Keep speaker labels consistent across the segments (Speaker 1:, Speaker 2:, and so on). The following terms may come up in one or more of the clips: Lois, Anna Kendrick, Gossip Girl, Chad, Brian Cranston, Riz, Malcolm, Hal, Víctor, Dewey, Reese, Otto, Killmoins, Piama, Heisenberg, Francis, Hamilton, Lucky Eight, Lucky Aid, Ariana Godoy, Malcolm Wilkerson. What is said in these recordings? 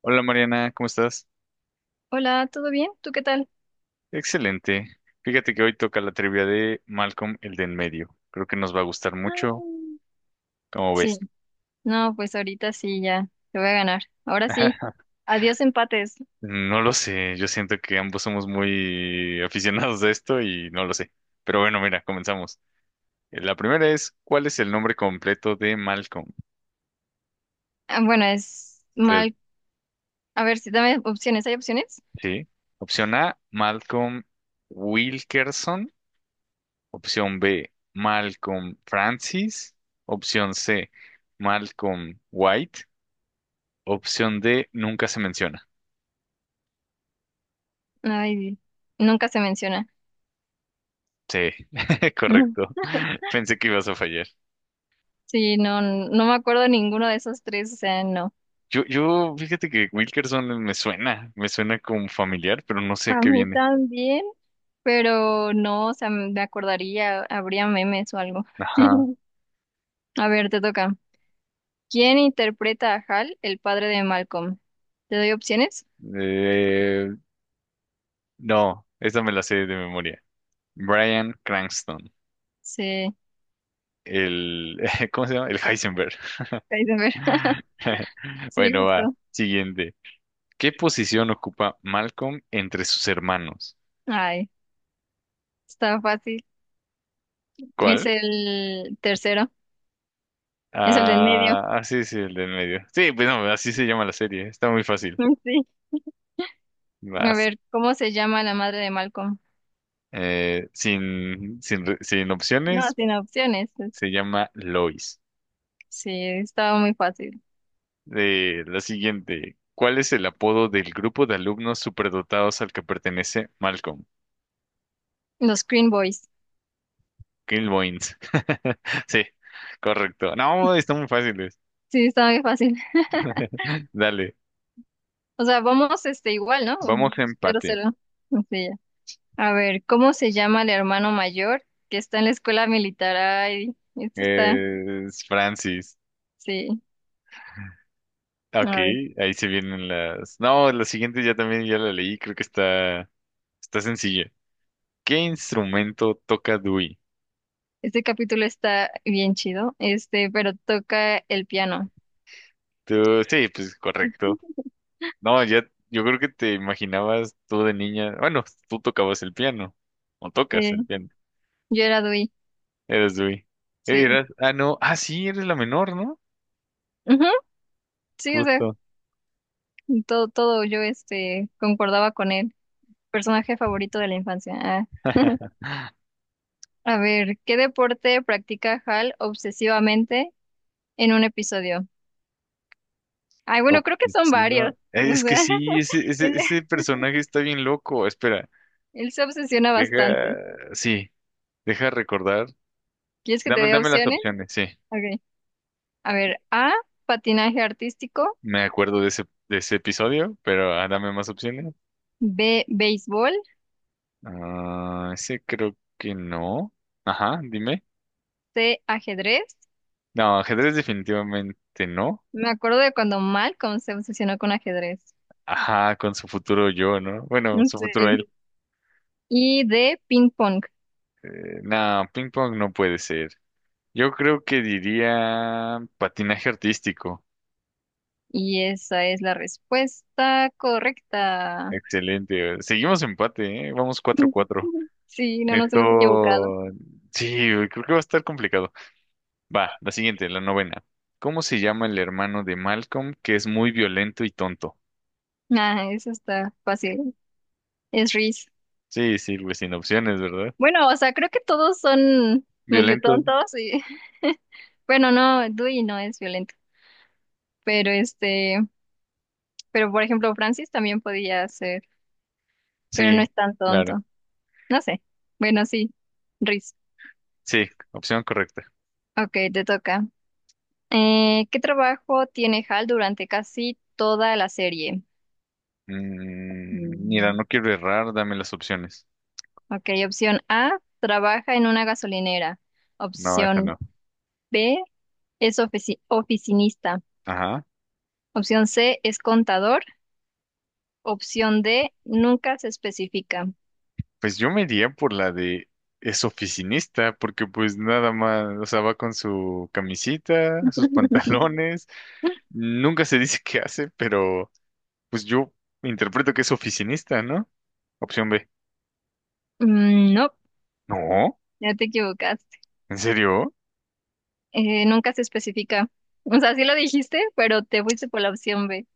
Speaker 1: Hola Mariana, ¿cómo estás?
Speaker 2: Hola, ¿todo bien? ¿Tú qué tal?
Speaker 1: Excelente. Fíjate que hoy toca la trivia de Malcolm, el de en medio. Creo que nos va a gustar mucho,
Speaker 2: Ah,
Speaker 1: como ves.
Speaker 2: sí, no, pues ahorita sí, ya, te voy a ganar. Ahora sí, adiós empates.
Speaker 1: No lo sé, yo siento que ambos somos muy aficionados a esto y no lo sé. Pero bueno, mira, comenzamos. La primera es, ¿cuál es el nombre completo de Malcolm?
Speaker 2: Ah, bueno, es
Speaker 1: Te-
Speaker 2: mal. A ver, si dame opciones, ¿hay opciones?
Speaker 1: Sí. Opción A, Malcolm Wilkerson. Opción B, Malcolm Francis. Opción C, Malcolm White. Opción D, nunca se menciona.
Speaker 2: Ay, nunca se menciona.
Speaker 1: Sí,
Speaker 2: Ujú.
Speaker 1: correcto. Pensé que ibas a fallar.
Speaker 2: Sí, no, no me acuerdo de ninguno de esos tres, o sea, no.
Speaker 1: Yo, fíjate que Wilkerson me suena como familiar, pero no sé
Speaker 2: A
Speaker 1: qué
Speaker 2: mí
Speaker 1: viene.
Speaker 2: también, pero no, o sea, me acordaría, habría memes o algo.
Speaker 1: Ajá.
Speaker 2: A ver, te toca. ¿Quién interpreta a Hal, el padre de Malcolm? ¿Te doy opciones?
Speaker 1: Eh, no, esa me la sé de memoria. Brian Cranston,
Speaker 2: Sí.
Speaker 1: el, ¿cómo se llama? El Heisenberg.
Speaker 2: Heisenberg. Sí,
Speaker 1: Bueno, va,
Speaker 2: justo.
Speaker 1: siguiente. ¿Qué posición ocupa Malcolm entre sus hermanos?
Speaker 2: Ay, está fácil. Es
Speaker 1: ¿Cuál?
Speaker 2: el tercero, es el del medio.
Speaker 1: Ah, ah, sí, sí, el del medio. Sí, pues no, así se llama la serie. Está muy fácil.
Speaker 2: Sí. A
Speaker 1: Vas.
Speaker 2: ver, ¿cómo se llama la madre de Malcolm?
Speaker 1: Sin
Speaker 2: No,
Speaker 1: opciones,
Speaker 2: sin opciones.
Speaker 1: se llama Lois.
Speaker 2: Sí, estaba muy fácil.
Speaker 1: La siguiente. ¿Cuál es el apodo del grupo de alumnos superdotados al que pertenece Malcolm?
Speaker 2: Los Green Boys.
Speaker 1: Killmoins. Sí, correcto. No, están muy fáciles.
Speaker 2: Sí, estaba muy fácil.
Speaker 1: Dale,
Speaker 2: O sea, vamos este igual, ¿no?
Speaker 1: vamos a
Speaker 2: Cero,
Speaker 1: empate.
Speaker 2: cero. Sí, ya. A ver, ¿cómo se llama el hermano mayor que está en la escuela militar? Ay, esto está,
Speaker 1: Es Francis.
Speaker 2: sí.
Speaker 1: Ah, ok,
Speaker 2: A ver,
Speaker 1: ahí se vienen las. No, la siguiente ya también ya la leí, creo que está, está sencilla. ¿Qué instrumento toca Dewey?
Speaker 2: este capítulo está bien chido, este, pero toca el piano.
Speaker 1: Tú, sí, pues correcto. No, ya, yo creo que te imaginabas tú de niña. Bueno, tú tocabas el piano. O tocas el
Speaker 2: Sí.
Speaker 1: piano.
Speaker 2: Yo era Dewey,
Speaker 1: Eres Dewey.
Speaker 2: sí.
Speaker 1: Eras, ah, no. Ah, sí, eres la menor, ¿no?
Speaker 2: Ujú, sí, o sea,
Speaker 1: Justo.
Speaker 2: todo, todo yo este concordaba con él. Personaje favorito de la infancia. Ah. A ver, ¿qué deporte practica Hal obsesivamente en un episodio? Ay, bueno, creo que son
Speaker 1: Obsesiva.
Speaker 2: varios.
Speaker 1: Eh,
Speaker 2: O
Speaker 1: Es que
Speaker 2: sea,
Speaker 1: sí, ese, ese,
Speaker 2: él,
Speaker 1: ese personaje está bien loco. Espera,
Speaker 2: él se obsesiona
Speaker 1: deja.
Speaker 2: bastante.
Speaker 1: Sí, deja recordar.
Speaker 2: ¿Quieres que te
Speaker 1: Dame,
Speaker 2: dé
Speaker 1: dame las
Speaker 2: opciones?
Speaker 1: opciones, sí.
Speaker 2: Ok. A ver, A, patinaje artístico,
Speaker 1: Me acuerdo de ese episodio, pero ah, dame más opciones.
Speaker 2: B, béisbol,
Speaker 1: Ah, ese creo que no. Ajá, dime.
Speaker 2: C, ajedrez.
Speaker 1: No, ajedrez definitivamente no.
Speaker 2: Me acuerdo de cuando Malcolm se obsesionó con ajedrez.
Speaker 1: Ajá, con su futuro yo, ¿no? Bueno, su futuro
Speaker 2: Sí.
Speaker 1: él.
Speaker 2: Y D, ping pong.
Speaker 1: No, ping pong no puede ser. Yo creo que diría patinaje artístico.
Speaker 2: Y esa es la respuesta correcta.
Speaker 1: Excelente. Seguimos empate, ¿eh? Vamos 4-4.
Speaker 2: Sí, no nos hemos equivocado.
Speaker 1: Esto... Sí, güey, creo que va a estar complicado. Va, la siguiente, la novena. ¿Cómo se llama el hermano de Malcolm que es muy violento y tonto?
Speaker 2: Ah, eso está fácil. Es Reese.
Speaker 1: Sí, sí, güey, sin opciones, ¿verdad?
Speaker 2: Bueno, o sea, creo que todos son medio
Speaker 1: Violento,
Speaker 2: tontos y bueno, no, Dewey no es violento, pero este, pero por ejemplo, Francis también podía ser, pero no
Speaker 1: sí,
Speaker 2: es tan
Speaker 1: claro.
Speaker 2: tonto. No sé. Bueno, sí, Reese.
Speaker 1: Sí, opción correcta.
Speaker 2: Ok, te toca. ¿Qué trabajo tiene Hal durante casi toda la serie?
Speaker 1: Mm, mira,
Speaker 2: Mm.
Speaker 1: no quiero errar, dame las opciones.
Speaker 2: Ok, opción A, trabaja en una gasolinera.
Speaker 1: No, esta
Speaker 2: Opción
Speaker 1: no.
Speaker 2: B, es oficinista.
Speaker 1: Ajá.
Speaker 2: Opción C, es contador. Opción D, nunca se especifica.
Speaker 1: Pues yo me iría por la de es oficinista, porque pues nada más, o sea, va con su camisita, sus pantalones. Nunca se dice qué hace, pero pues yo interpreto que es oficinista, ¿no? Opción B.
Speaker 2: Mm, no,
Speaker 1: No,
Speaker 2: ya te equivocaste.
Speaker 1: ¿en serio?
Speaker 2: Nunca se especifica. O sea, sí lo dijiste, pero te fuiste por la opción B.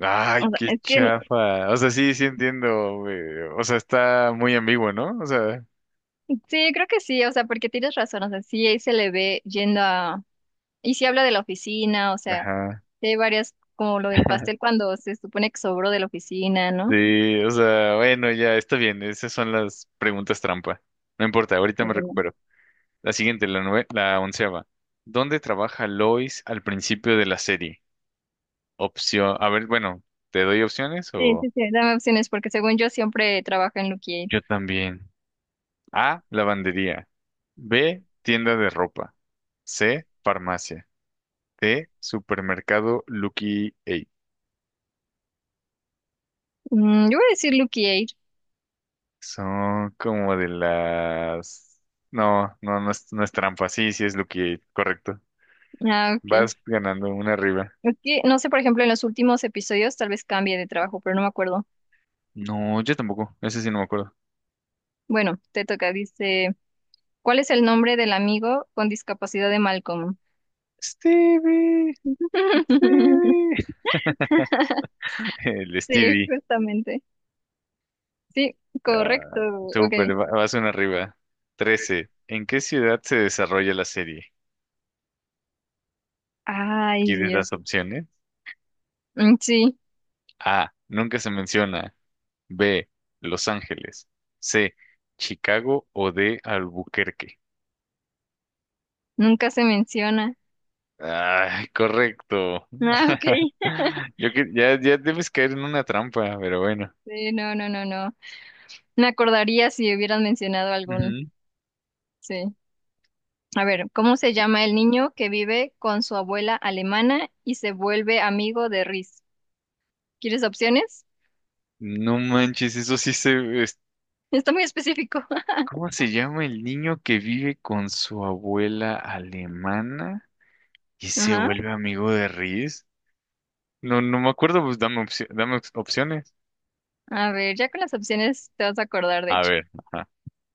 Speaker 1: Ay,
Speaker 2: O sea,
Speaker 1: qué
Speaker 2: es que
Speaker 1: chafa. O sea, sí, sí entiendo, güey. O sea, está muy ambiguo, ¿no? O sea,
Speaker 2: sí, creo que sí, o sea, porque tienes razón, o sea, sí ahí se le ve yendo a... Y sí habla de la oficina, o sea,
Speaker 1: ajá.
Speaker 2: sí hay varias, como lo del pastel cuando se supone que sobró de la oficina, ¿no?
Speaker 1: Sí, o sea, bueno, ya está bien. Esas son las preguntas trampa. No importa, ahorita me
Speaker 2: Bueno,
Speaker 1: recupero. La siguiente, la nue- la onceava. ¿Dónde trabaja Lois al principio de la serie? Opción, a ver, bueno, ¿te doy opciones
Speaker 2: sí,
Speaker 1: o
Speaker 2: sí, sí, dame opciones porque según yo siempre trabaja en Lucky Aid.
Speaker 1: yo también? A, lavandería. B, tienda de ropa. C, farmacia. D, supermercado Lucky Eight.
Speaker 2: Mm, yo voy a decir Lucky Aid.
Speaker 1: Son como de las... No, no es, no es trampa. Sí, sí es Lucky Eight, correcto.
Speaker 2: Ah, ok.
Speaker 1: Vas ganando una arriba.
Speaker 2: Es que no sé, por ejemplo, en los últimos episodios tal vez cambie de trabajo, pero no me acuerdo.
Speaker 1: No, yo tampoco. Ese sí no me acuerdo.
Speaker 2: Bueno, te toca, dice, ¿cuál es el nombre del amigo con discapacidad de Malcolm?
Speaker 1: Stevie, Stevie. El
Speaker 2: Sí,
Speaker 1: Stevie.
Speaker 2: justamente. Sí, correcto.
Speaker 1: Ah,
Speaker 2: Ok.
Speaker 1: súper, va- vas una arriba. 13. ¿En qué ciudad se desarrolla la serie?
Speaker 2: Ay,
Speaker 1: ¿Quieres
Speaker 2: Dios.
Speaker 1: las opciones?
Speaker 2: Mm, sí,
Speaker 1: A. Nunca se menciona. B. Los Ángeles. C. Chicago o D. Albuquerque.
Speaker 2: nunca se menciona.
Speaker 1: Ay, correcto.
Speaker 2: Ah, ok.
Speaker 1: Yo que ya, ya debes caer en una trampa, pero bueno.
Speaker 2: Sí, no, no, no, no. Me acordaría si hubieran mencionado algún. Sí. A ver, ¿cómo se llama el niño que vive con su abuela alemana y se vuelve amigo de Riz? ¿Quieres opciones?
Speaker 1: No manches, eso sí se... es-
Speaker 2: Está muy específico.
Speaker 1: ¿Cómo se llama el niño que vive con su abuela alemana y se
Speaker 2: Ajá.
Speaker 1: vuelve amigo de Riz? No, no me acuerdo, pues dame, opci- dame op- opciones.
Speaker 2: A ver, ya con las opciones te vas a acordar, de
Speaker 1: A
Speaker 2: hecho.
Speaker 1: ver, ajá.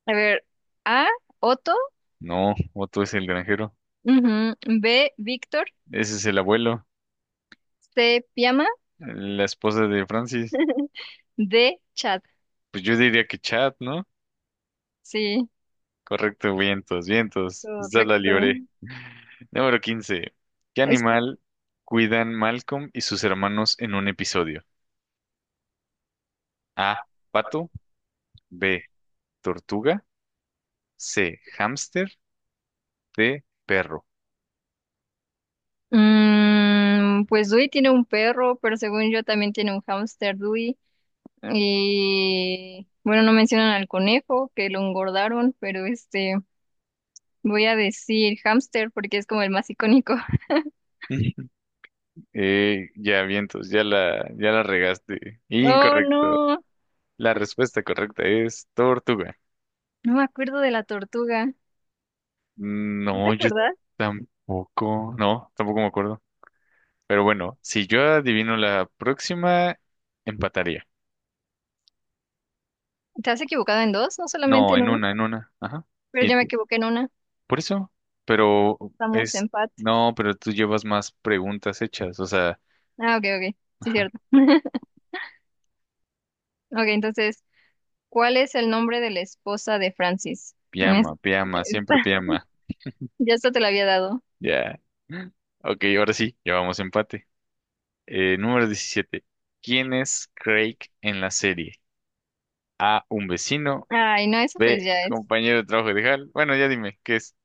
Speaker 2: A ver, A, Otto,
Speaker 1: No, Otto es el granjero.
Speaker 2: ujú, B, Víctor,
Speaker 1: Ese es el abuelo,
Speaker 2: C, Piama,
Speaker 1: la esposa de Francis.
Speaker 2: D, Chad.
Speaker 1: Pues yo diría que Chad, ¿no?
Speaker 2: Sí,
Speaker 1: Correcto, vientos, vientos. Esta la
Speaker 2: correcto.
Speaker 1: libré. Número 15. ¿Qué
Speaker 2: Es,
Speaker 1: animal cuidan Malcolm y sus hermanos en un episodio? A. Pato. B. Tortuga. C, hámster. D, perro.
Speaker 2: mm, pues Dewey tiene un perro, pero según yo también tiene un hámster Dewey. Y bueno, no mencionan al conejo, que lo engordaron, pero este, voy a decir hámster porque es como el más icónico.
Speaker 1: Ya vientos, ya la, ya la regaste.
Speaker 2: Oh,
Speaker 1: Incorrecto.
Speaker 2: no,
Speaker 1: La respuesta correcta es tortuga.
Speaker 2: no me acuerdo de la tortuga. ¿Tú te
Speaker 1: No, yo
Speaker 2: acuerdas?
Speaker 1: tampoco. No, tampoco me acuerdo. Pero bueno, si yo adivino la próxima, empataría.
Speaker 2: ¿Te has equivocado en dos? No solamente
Speaker 1: No,
Speaker 2: en
Speaker 1: en
Speaker 2: una,
Speaker 1: una, en una. Ajá.
Speaker 2: pero
Speaker 1: ¿Y
Speaker 2: yo me
Speaker 1: tú?
Speaker 2: equivoqué en una.
Speaker 1: Por eso. Pero
Speaker 2: Estamos
Speaker 1: es.
Speaker 2: empate.
Speaker 1: No, pero tú llevas más preguntas hechas. O sea,
Speaker 2: Ah, ok, ok. Sí,
Speaker 1: ajá.
Speaker 2: cierto. Ok, entonces, ¿cuál es el nombre de la esposa de Francis? Mm, es-
Speaker 1: Piama, piama,
Speaker 2: esta-
Speaker 1: siempre piama.
Speaker 2: ya esto te lo había dado.
Speaker 1: Ya. Ok, ahora sí, llevamos empate. Número 17. ¿Quién es Craig en la serie? A, un vecino.
Speaker 2: Ay, no, eso pues
Speaker 1: B,
Speaker 2: ya es.
Speaker 1: compañero de trabajo de Hal. Bueno, ya dime, ¿qué es?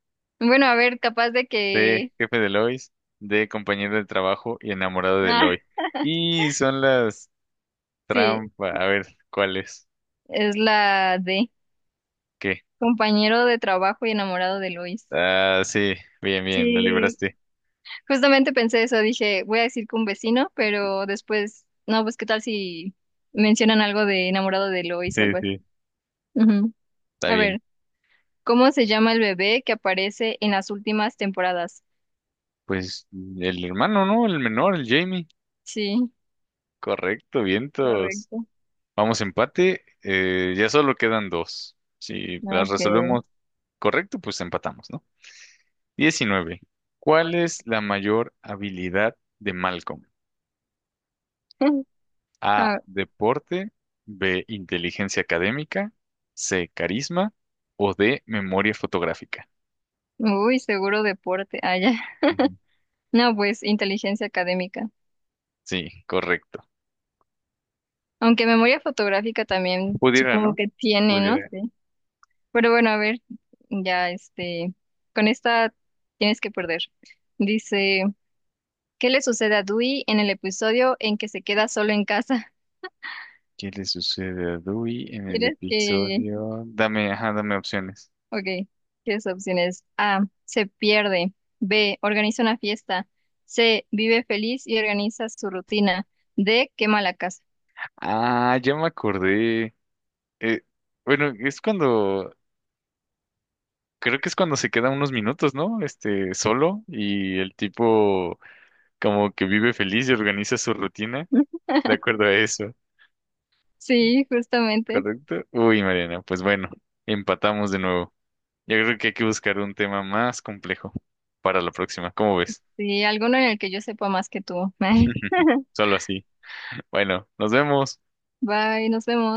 Speaker 2: Bueno, a ver, capaz de
Speaker 1: C,
Speaker 2: que...
Speaker 1: jefe de Lois. D, compañero de trabajo y enamorado de
Speaker 2: Ah,
Speaker 1: Lois. Y son las
Speaker 2: sí.
Speaker 1: trampas. A ver, ¿cuál es?
Speaker 2: Es la de
Speaker 1: ¿Qué?
Speaker 2: compañero de trabajo y enamorado de Luis.
Speaker 1: Ah, sí, bien, bien, lo
Speaker 2: Sí,
Speaker 1: libraste.
Speaker 2: justamente pensé eso, dije, voy a decir que un vecino, pero después, no, pues qué tal si mencionan algo de enamorado de Lois o
Speaker 1: Sí,
Speaker 2: algo así.
Speaker 1: sí,
Speaker 2: Ujú.
Speaker 1: está
Speaker 2: A
Speaker 1: bien.
Speaker 2: ver, ¿cómo se llama el bebé que aparece en las últimas temporadas?
Speaker 1: Pues el hermano, ¿no? El menor, el Jamie.
Speaker 2: Sí,
Speaker 1: Correcto, vientos.
Speaker 2: correcto.
Speaker 1: Vamos empate, ya solo quedan dos. Si las
Speaker 2: Ok.
Speaker 1: resolvemos correcto, pues empatamos, ¿no? 19. ¿Cuál es la mayor habilidad de Malcolm? A,
Speaker 2: Ah,
Speaker 1: deporte. B, inteligencia académica. C, carisma o D, memoria fotográfica.
Speaker 2: uy, seguro deporte. Ah, ya.
Speaker 1: Ujú.
Speaker 2: No, pues inteligencia académica.
Speaker 1: Sí, correcto.
Speaker 2: Aunque memoria fotográfica también
Speaker 1: Pudiera,
Speaker 2: supongo
Speaker 1: ¿no?
Speaker 2: que tiene, ¿no?
Speaker 1: Pudiera.
Speaker 2: Sí. Pero bueno, a ver, ya este, con esta tienes que perder. Dice, ¿qué le sucede a Dewey en el episodio en que se queda solo en casa?
Speaker 1: ¿Qué le sucede a Dewey en el
Speaker 2: ¿Quieres que...
Speaker 1: episodio? Dame, ajá, dame opciones.
Speaker 2: Ok, ¿qué opciones? A, se pierde. B, organiza una fiesta. C, vive feliz y organiza su rutina. D, quema la casa.
Speaker 1: Ah, ya me acordé. Eh, bueno, es cuando, creo que es cuando se queda unos minutos, ¿no? Este, solo y el tipo como que vive feliz y organiza su rutina de acuerdo a eso,
Speaker 2: Sí, justamente.
Speaker 1: ¿correcto? Uy, Mariana, pues bueno, empatamos de nuevo. Yo creo que hay que buscar un tema más complejo para la próxima, ¿cómo ves?
Speaker 2: Sí, alguno en el que yo sepa más que tú.
Speaker 1: Solo así. Bueno, nos vemos.
Speaker 2: Bye, nos vemos.